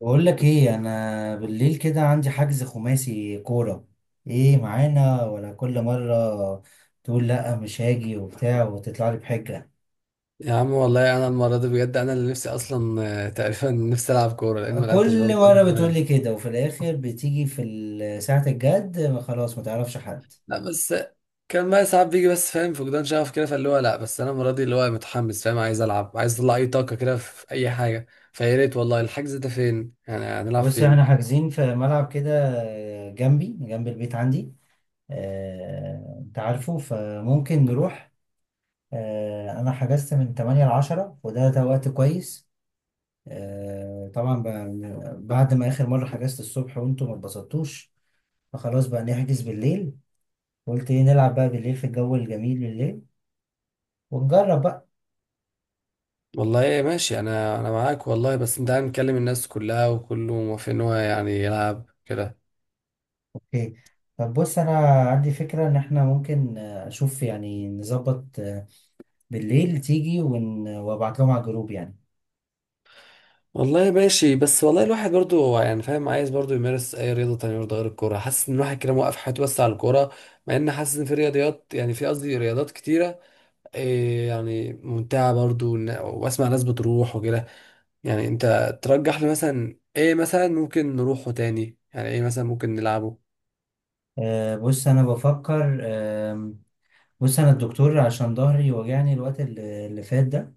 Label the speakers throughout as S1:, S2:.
S1: بقول لك ايه، انا بالليل كده عندي حجز خماسي كورة. ايه معانا ولا كل مرة تقول لا مش هاجي وبتاع وتطلع لي بحجة؟
S2: يا عم، والله انا المره دي بجد انا اللي نفسي اصلا تقريبا نفسي العب كوره لان ما لعبتش برضه
S1: كل
S2: بقالي
S1: مرة بتقول
S2: زمان.
S1: لي كده وفي الاخر بتيجي في ساعة الجد، خلاص ما تعرفش حد.
S2: لا، بس كان بقى ساعات بيجي، بس فاهم فقدان شغف كده، فاللي هو لا بس انا المره دي اللي هو متحمس، فاهم، عايز العب، عايز اطلع اي طاقه كده في اي حاجه. فيا ريت والله، الحجز ده فين؟ يعني هنلعب
S1: بص، احنا
S2: فين؟
S1: حاجزين في ملعب كده جنبي، جنب البيت عندي. انت عارفه فممكن نروح. انا حجزت من 8 ل 10 وده وقت كويس. طبعا بعد ما اخر مره حجزت الصبح وانتوا ما اتبسطتوش، فخلاص بقى نحجز بالليل. قلت ايه، نلعب بقى بالليل في الجو الجميل بالليل ونجرب بقى.
S2: والله ماشي، انا معاك والله، بس انت عم مكلم الناس كلها وكله موافق ان هو يعني يلعب كده.
S1: اوكي. طب بص، انا عندي فكره ان احنا ممكن اشوف يعني نظبط، بالليل تيجي وابعت لهم على الجروب يعني.
S2: والله ماشي، بس والله الواحد برضو هو يعني فاهم، عايز برضو يمارس اي رياضه تانية برضو غير الكوره، حاسس ان الواحد كده موقف حياته بس على الكوره. مع ان حاسس ان في رياضيات، يعني في قصدي رياضات كتيره. إيه يعني ممتعه برضو، واسمع ناس بتروح وكده. يعني انت ترجح لي مثلا ايه؟ مثلا ممكن نروحه، تاني يعني ايه مثلا ممكن نلعبه؟
S1: بص انا بفكر. بص، انا الدكتور عشان ظهري وجعني الوقت اللي فات ده،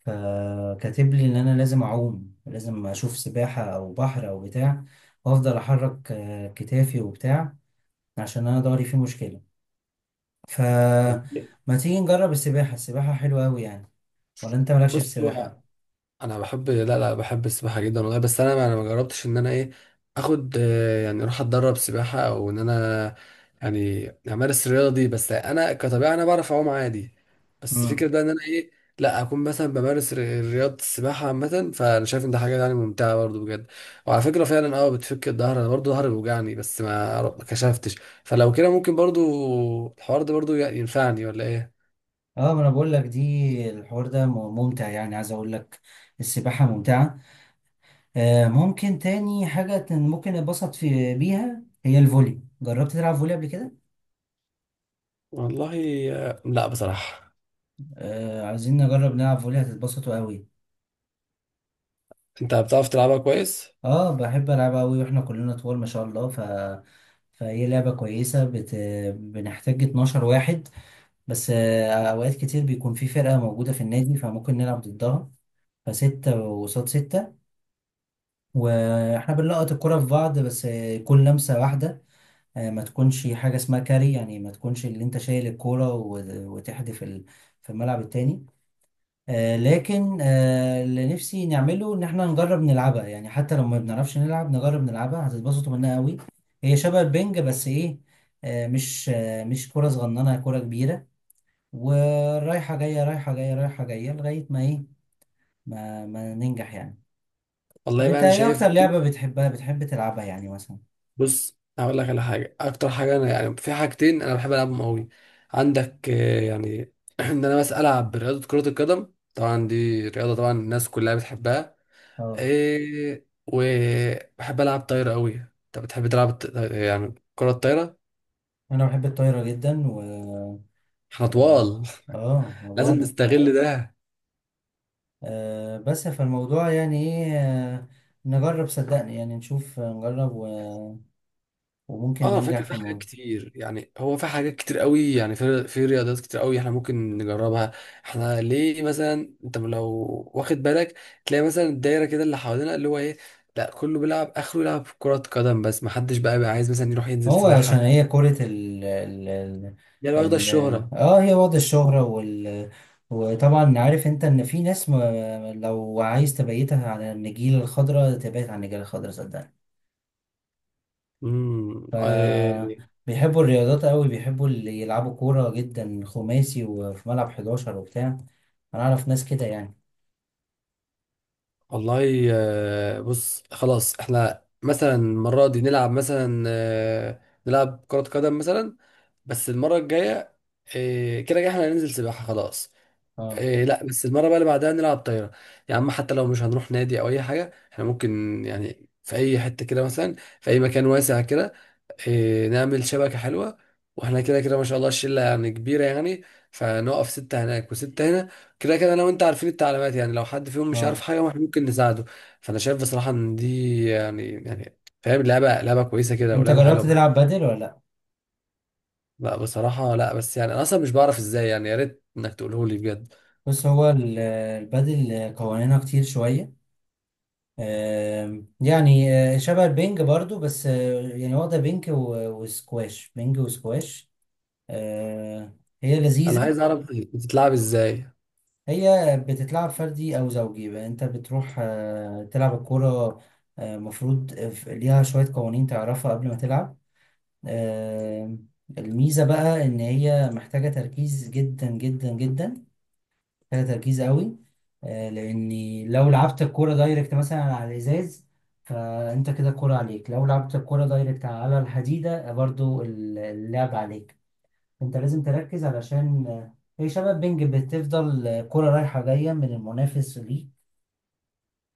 S1: فكاتب لي ان انا لازم اعوم، لازم اشوف سباحة او بحر او بتاع، وافضل احرك كتافي وبتاع عشان انا ضهري فيه مشكلة. ف ما تيجي نجرب السباحة؟ السباحة حلوة أوي يعني. ولا أنت مالكش في
S2: بص،
S1: السباحة؟
S2: انا بحب، لا لا، بحب السباحه جدا والله، بس انا ما جربتش ان انا ايه، اخد يعني اروح اتدرب سباحه، او ان انا يعني امارس الرياضه دي، بس انا كطبيعه انا بعرف اعوم عادي. بس فكره
S1: امم.
S2: بقى ان انا ايه، لا اكون مثلا بمارس رياضه السباحه عامه، فانا شايف ان ده حاجه يعني ممتعه برضو بجد. وعلى فكره فعلا، اه بتفك الظهر، انا برضو ظهري بيوجعني، بس ما كشفتش. فلو كده ممكن برضو الحوار ده برضو ينفعني ولا ايه؟
S1: اه، ما أنا بقول لك، دي الحوار ده ممتع يعني، عايز أقول لك السباحة ممتعة. ممكن تاني حاجة ممكن اتبسط في بيها هي الفولي. جربت تلعب فولي قبل كده؟
S2: والله، لا بصراحه.
S1: عايزين نجرب نلعب فولي، هتتبسطوا أوي.
S2: انت بتعرف تلعبها كويس؟
S1: اه، بحب العب قوي، واحنا كلنا طوال ما شاء الله. فهي لعبة كويسة. بنحتاج 12 واحد، بس اوقات كتير بيكون في فرقة موجودة في النادي فممكن نلعب ضدها، فستة وقصاد ستة، واحنا بنلقط الكرة في بعض بس يكون لمسة واحدة. ما تكونش حاجة اسمها كاري يعني، ما تكونش اللي انت شايل الكورة وتحدف في الملعب التاني. لكن اللي نفسي نعمله ان احنا نجرب نلعبها يعني، حتى لو ما بنعرفش نلعب نجرب نلعبها، هتتبسطوا منها قوي. هي شبه البنج بس ايه، مش كرة صغننة، هي كرة كبيرة ورايحة جاية رايحة جاية رايحة جاية لغاية ما ايه، ما ننجح يعني. طب
S2: والله بقى
S1: انت
S2: انا
S1: ايه
S2: شايف.
S1: اكتر لعبة بتحبها بتحب تلعبها يعني مثلا؟
S2: بص، هقول لك على حاجه، اكتر حاجه انا يعني في حاجتين انا بحب العبهم قوي. عندك يعني ان انا بس العب رياضه كره القدم، طبعا دي رياضه طبعا الناس كلها بتحبها.
S1: اه،
S2: إيه، وبحب العب طايره قوي. انت بتحب تلعب يعني كره الطايره؟
S1: انا بحب الطايرة جدا. و
S2: احنا
S1: اه
S2: طوال
S1: آه، ما
S2: لازم اه
S1: بقول لك،
S2: نستغل ده.
S1: بس فالموضوع يعني ايه، نجرب صدقني يعني نشوف، نجرب وممكن
S2: اه
S1: ننجح
S2: فكرة،
S1: في
S2: في حاجات
S1: الموضوع.
S2: كتير يعني، هو في حاجات كتير قوي يعني، في رياضات كتير قوي احنا ممكن نجربها. احنا ليه مثلا؟ انت لو واخد بالك تلاقي مثلا الدايرة كده اللي حوالينا اللي هو ايه، لا كله بيلعب اخره يلعب كرة قدم، بس محدش بقى عايز مثلا يروح ينزل
S1: هو عشان
S2: سباحة.
S1: هي كرة ال ال ال
S2: يعني واخدة
S1: ال
S2: الشهرة.
S1: اه هي وضع الشهرة. وطبعا عارف انت ان في ناس، ما لو عايز تبيتها على النجيلة الخضراء تبيت على النجيلة الخضراء صدقني.
S2: امم.
S1: ف
S2: آه.
S1: بيحبوا الرياضات قوي، بيحبوا اللي يلعبوا كورة جدا خماسي وفي ملعب 11 وبتاع. انا اعرف ناس كده يعني.
S2: والله بص، خلاص احنا مثلا المرة دي نلعب مثلا نلعب كرة قدم مثلا. بس المرة الجاية كده كده احنا هننزل سباحة، خلاص.
S1: اه،
S2: إيه، لا بس المرة بقى اللي بعدها نلعب طايرة. يا عم، حتى لو مش هنروح نادي أو أي حاجة احنا ممكن يعني في أي حتة كده، مثلا في أي مكان واسع كده. إيه، نعمل شبكة حلوة. واحنا كده كده ما شاء الله الشلة يعني كبيرة يعني. فنقف ستة هناك وستة هنا. كده كده أنا وأنت عارفين التعليمات، يعني لو حد فيهم مش عارف
S1: اه،
S2: حاجة واحنا ممكن نساعده. فأنا شايف بصراحة إن دي يعني فاهم، لعبة لعبة كويسة كده،
S1: انت
S2: ولعبة
S1: جربت
S2: حلوة.
S1: تلعب بادل ولا لا؟
S2: لا بصراحة، لا بس يعني أنا أصلا مش بعرف إزاي، يعني يا ريت إنك تقوله لي بجد.
S1: بص هو البادل قوانينها كتير شويه. يعني شبه البنج برضو، بس يعني واخده بنج وسكواش، بنج وسكواش. آه، هي
S2: أنا
S1: لذيذه.
S2: عايز أعرف بتتلعب إزاي.
S1: هي بتتلعب فردي او زوجي بقى، انت بتروح تلعب الكوره. المفروض ليها شويه قوانين تعرفها قبل ما تلعب. آم، الميزه بقى ان هي محتاجه تركيز جدا جدا جدا، محتاجة تركيز قوي. لأني لو لعبت الكورة دايركت مثلا على الإزاز فأنت كده الكورة عليك، لو لعبت الكورة دايركت على الحديدة برضو اللعب عليك. أنت لازم تركز علشان هي شبه بينج، بتفضل كرة رايحة جاية من المنافس ليك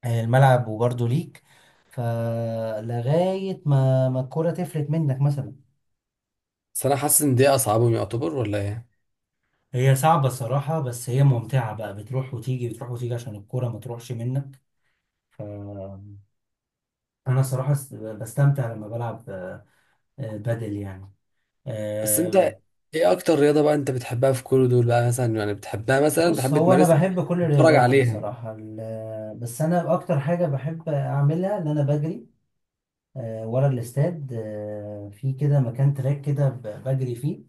S1: الملعب وبرضو ليك. فلغاية ما الكورة تفلت منك مثلا.
S2: بس انا حاسس ان دي اصعبهم يعتبر، ولا ايه؟
S1: هي صعبة الصراحة بس هي ممتعة بقى، بتروح وتيجي بتروح وتيجي عشان الكورة ما تروحش منك. انا صراحة بستمتع لما بلعب بادل يعني.
S2: بس انت،
S1: آه،
S2: ايه اكتر رياضه بقى انت بتحبها في كل دول بقى مثلا؟ يعني بتحبها مثلا،
S1: بص،
S2: بتحب
S1: هو انا
S2: تمارسها؟
S1: بحب كل
S2: بتتفرج
S1: الرياضات
S2: عليها؟
S1: الصراحة، بس انا اكتر حاجة بحب اعملها ان انا بجري. ورا الاستاد، في كده مكان تراك كده بجري فيه.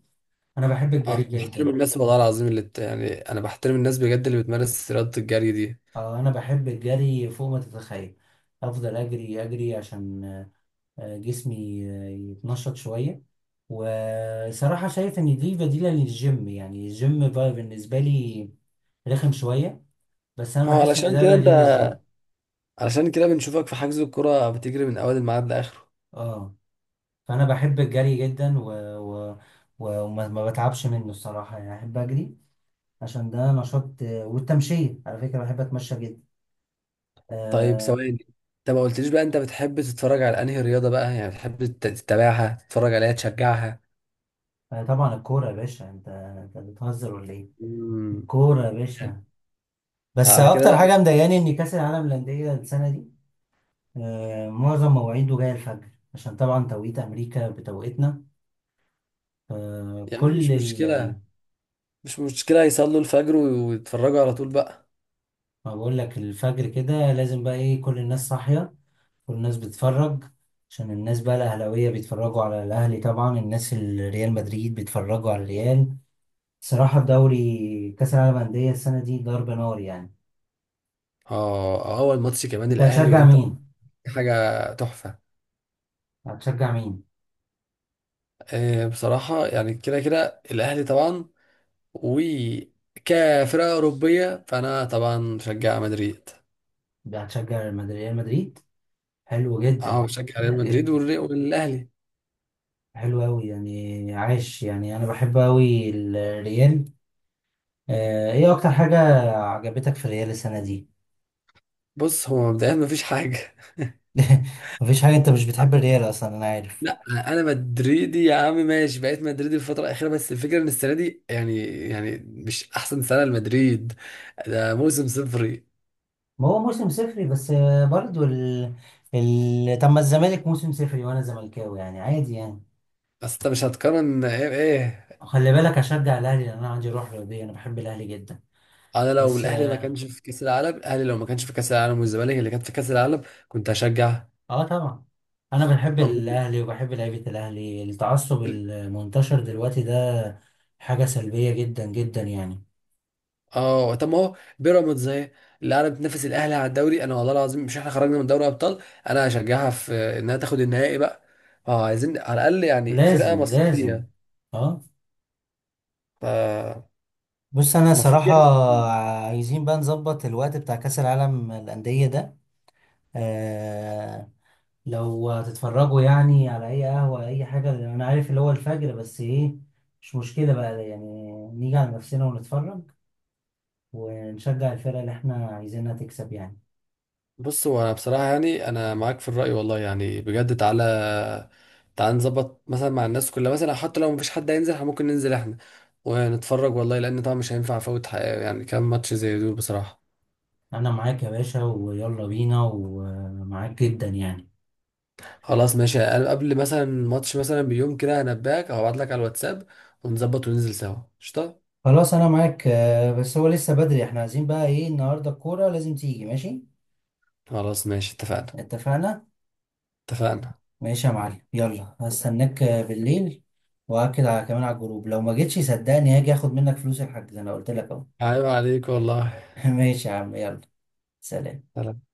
S1: انا بحب
S2: اه،
S1: الجري
S2: بحترم
S1: جدا.
S2: الناس والله العظيم اللي يعني انا بحترم الناس بجد اللي بتمارس رياضه الجري دي.
S1: انا بحب الجري فوق ما تتخيل. افضل اجري اجري عشان جسمي يتنشط شوية. وصراحة شايف إن دي بديلة للجيم يعني، الجيم بقى بالنسبة لي رخم شوية، بس أنا
S2: ما هو
S1: بحس إن
S2: علشان كده
S1: ده
S2: انت،
S1: بديل للجيم.
S2: علشان كده بنشوفك في حجز الكرة بتجري من اول الميعاد لاخره.
S1: اه، فأنا بحب الجري جدا و... وما ما بتعبش منه الصراحة يعني، أحب أجري عشان ده نشاط. والتمشية على فكرة بحب أتمشى جدا.
S2: طيب
S1: آه
S2: ثواني، انت ما قلتليش بقى انت بتحب تتفرج على انهي رياضه بقى؟ يعني بتحب تتابعها تتفرج عليها تشجعها؟
S1: طبعا الكورة يا باشا، أنت بتهزر ولا إيه؟
S2: امم
S1: الكورة يا باشا، بس
S2: على كده
S1: أكتر
S2: بقى،
S1: حاجة مضايقاني إن كأس العالم للأندية السنة دي معظم مواعيده جاية الفجر عشان طبعا توقيت أمريكا بتوقيتنا.
S2: يعني
S1: فكل ال-
S2: مش مشكلة يصلوا الفجر ويتفرجوا على طول بقى.
S1: ما بقول لك، الفجر كده لازم بقى إيه، كل الناس صاحية، كل الناس بتتفرج. عشان الناس بقى الأهلاوية بيتفرجوا على الأهلي، طبعا الناس الريال مدريد بيتفرجوا على الريال. صراحة الدوري كأس العالم للأندية السنة دي ضرب نار يعني.
S2: اه، اول ماتش كمان
S1: أنت
S2: الاهلي
S1: هتشجع
S2: وانتر.
S1: مين؟
S2: حاجه تحفه.
S1: هتشجع مين؟
S2: بصراحه يعني كده كده الاهلي طبعا. وكفرقه اوروبيه فانا طبعا بشجع مدريد.
S1: هتشجع ريال مدريد؟ حلو
S2: اه،
S1: جدا
S2: بشجع ريال مدريد
S1: جدا،
S2: والاهلي.
S1: حلو أوي يعني، عاش يعني، أنا بحب أوي الريال. ايه اكتر حاجة عجبتك في الريال السنة دي؟
S2: بص، هو مبدئيا مفيش حاجه.
S1: مفيش حاجة، انت مش بتحب الريال اصلا انا عارف.
S2: لا، انا مدريدي يا عم، ماشي بقيت مدريدي الفتره الاخيره، بس الفكره ان السنه دي يعني. يعني مش احسن سنه لمدريد. ده موسم صفري.
S1: ما هو موسم صفري، بس برضو طب ما الزمالك موسم صفري وانا زملكاوي يعني عادي يعني.
S2: بس انت مش هتقارن ايه بايه؟
S1: خلي بالك اشجع الاهلي لان انا عندي روح رياضية، انا بحب الاهلي جدا.
S2: انا لو
S1: بس
S2: الاهلي ما
S1: اه،
S2: كانش في كاس العالم الاهلي لو ما كانش في كاس العالم والزمالك اللي كانت في كاس العالم كنت هشجع.
S1: آه طبعا، انا بحب
S2: أم-
S1: الاهلي وبحب لعيبة الاهلي. التعصب المنتشر دلوقتي ده حاجة سلبية جدا جدا يعني.
S2: اه طب ما هو بيراميدز اهي اللي قاعده بتنافس الاهلي على الدوري، انا والله العظيم مش احنا خرجنا من دوري ابطال. انا هشجعها في انها تاخد النهائي بقى. اه، عايزين على الاقل يعني فرقه
S1: لازم لازم.
S2: مصريه.
S1: اه،
S2: فالمفروض
S1: بص، انا صراحة
S2: يعني.
S1: عايزين بقى نظبط الوقت بتاع كأس العالم للأندية ده. آه لو هتتفرجوا يعني على اي قهوة اي حاجة لأن انا عارف اللي هو الفجر، بس ايه، مش مشكلة بقى يعني نيجي على نفسنا ونتفرج ونشجع الفرقة اللي احنا عايزينها تكسب يعني.
S2: بص، هو أنا بصراحة يعني أنا معاك في الرأي والله، يعني بجد تعالى تعالى نظبط مثلا مع الناس كلها مثلا، حتى لو مفيش حد هينزل إحنا ممكن ننزل إحنا. ونتفرج والله، لأن طبعا مش هينفع أفوت حقيقة يعني كام ماتش زي دول بصراحة.
S1: انا معاك يا باشا ويلا بينا، ومعاك جدا يعني.
S2: خلاص ماشي، أنا قبل مثلا ماتش مثلا بيوم كده هنباك أو هبعتلك على الواتساب. ونظبط وننزل سوا قشطة.
S1: خلاص انا معاك، بس هو لسه بدري، احنا عايزين بقى ايه النهاردة، الكورة لازم تيجي ماشي.
S2: خلاص ماشي، اتفقنا.
S1: اتفقنا.
S2: اتفقنا.
S1: ماشي يا معلم، يلا هستناك بالليل. واكد على كمان على الجروب، لو ما جيتش صدقني هاجي اخد منك فلوس الحاج زي ما قلت لك اهو.
S2: عيب عليك والله.
S1: ماشي يا عم يلا. سلام.
S2: سلام.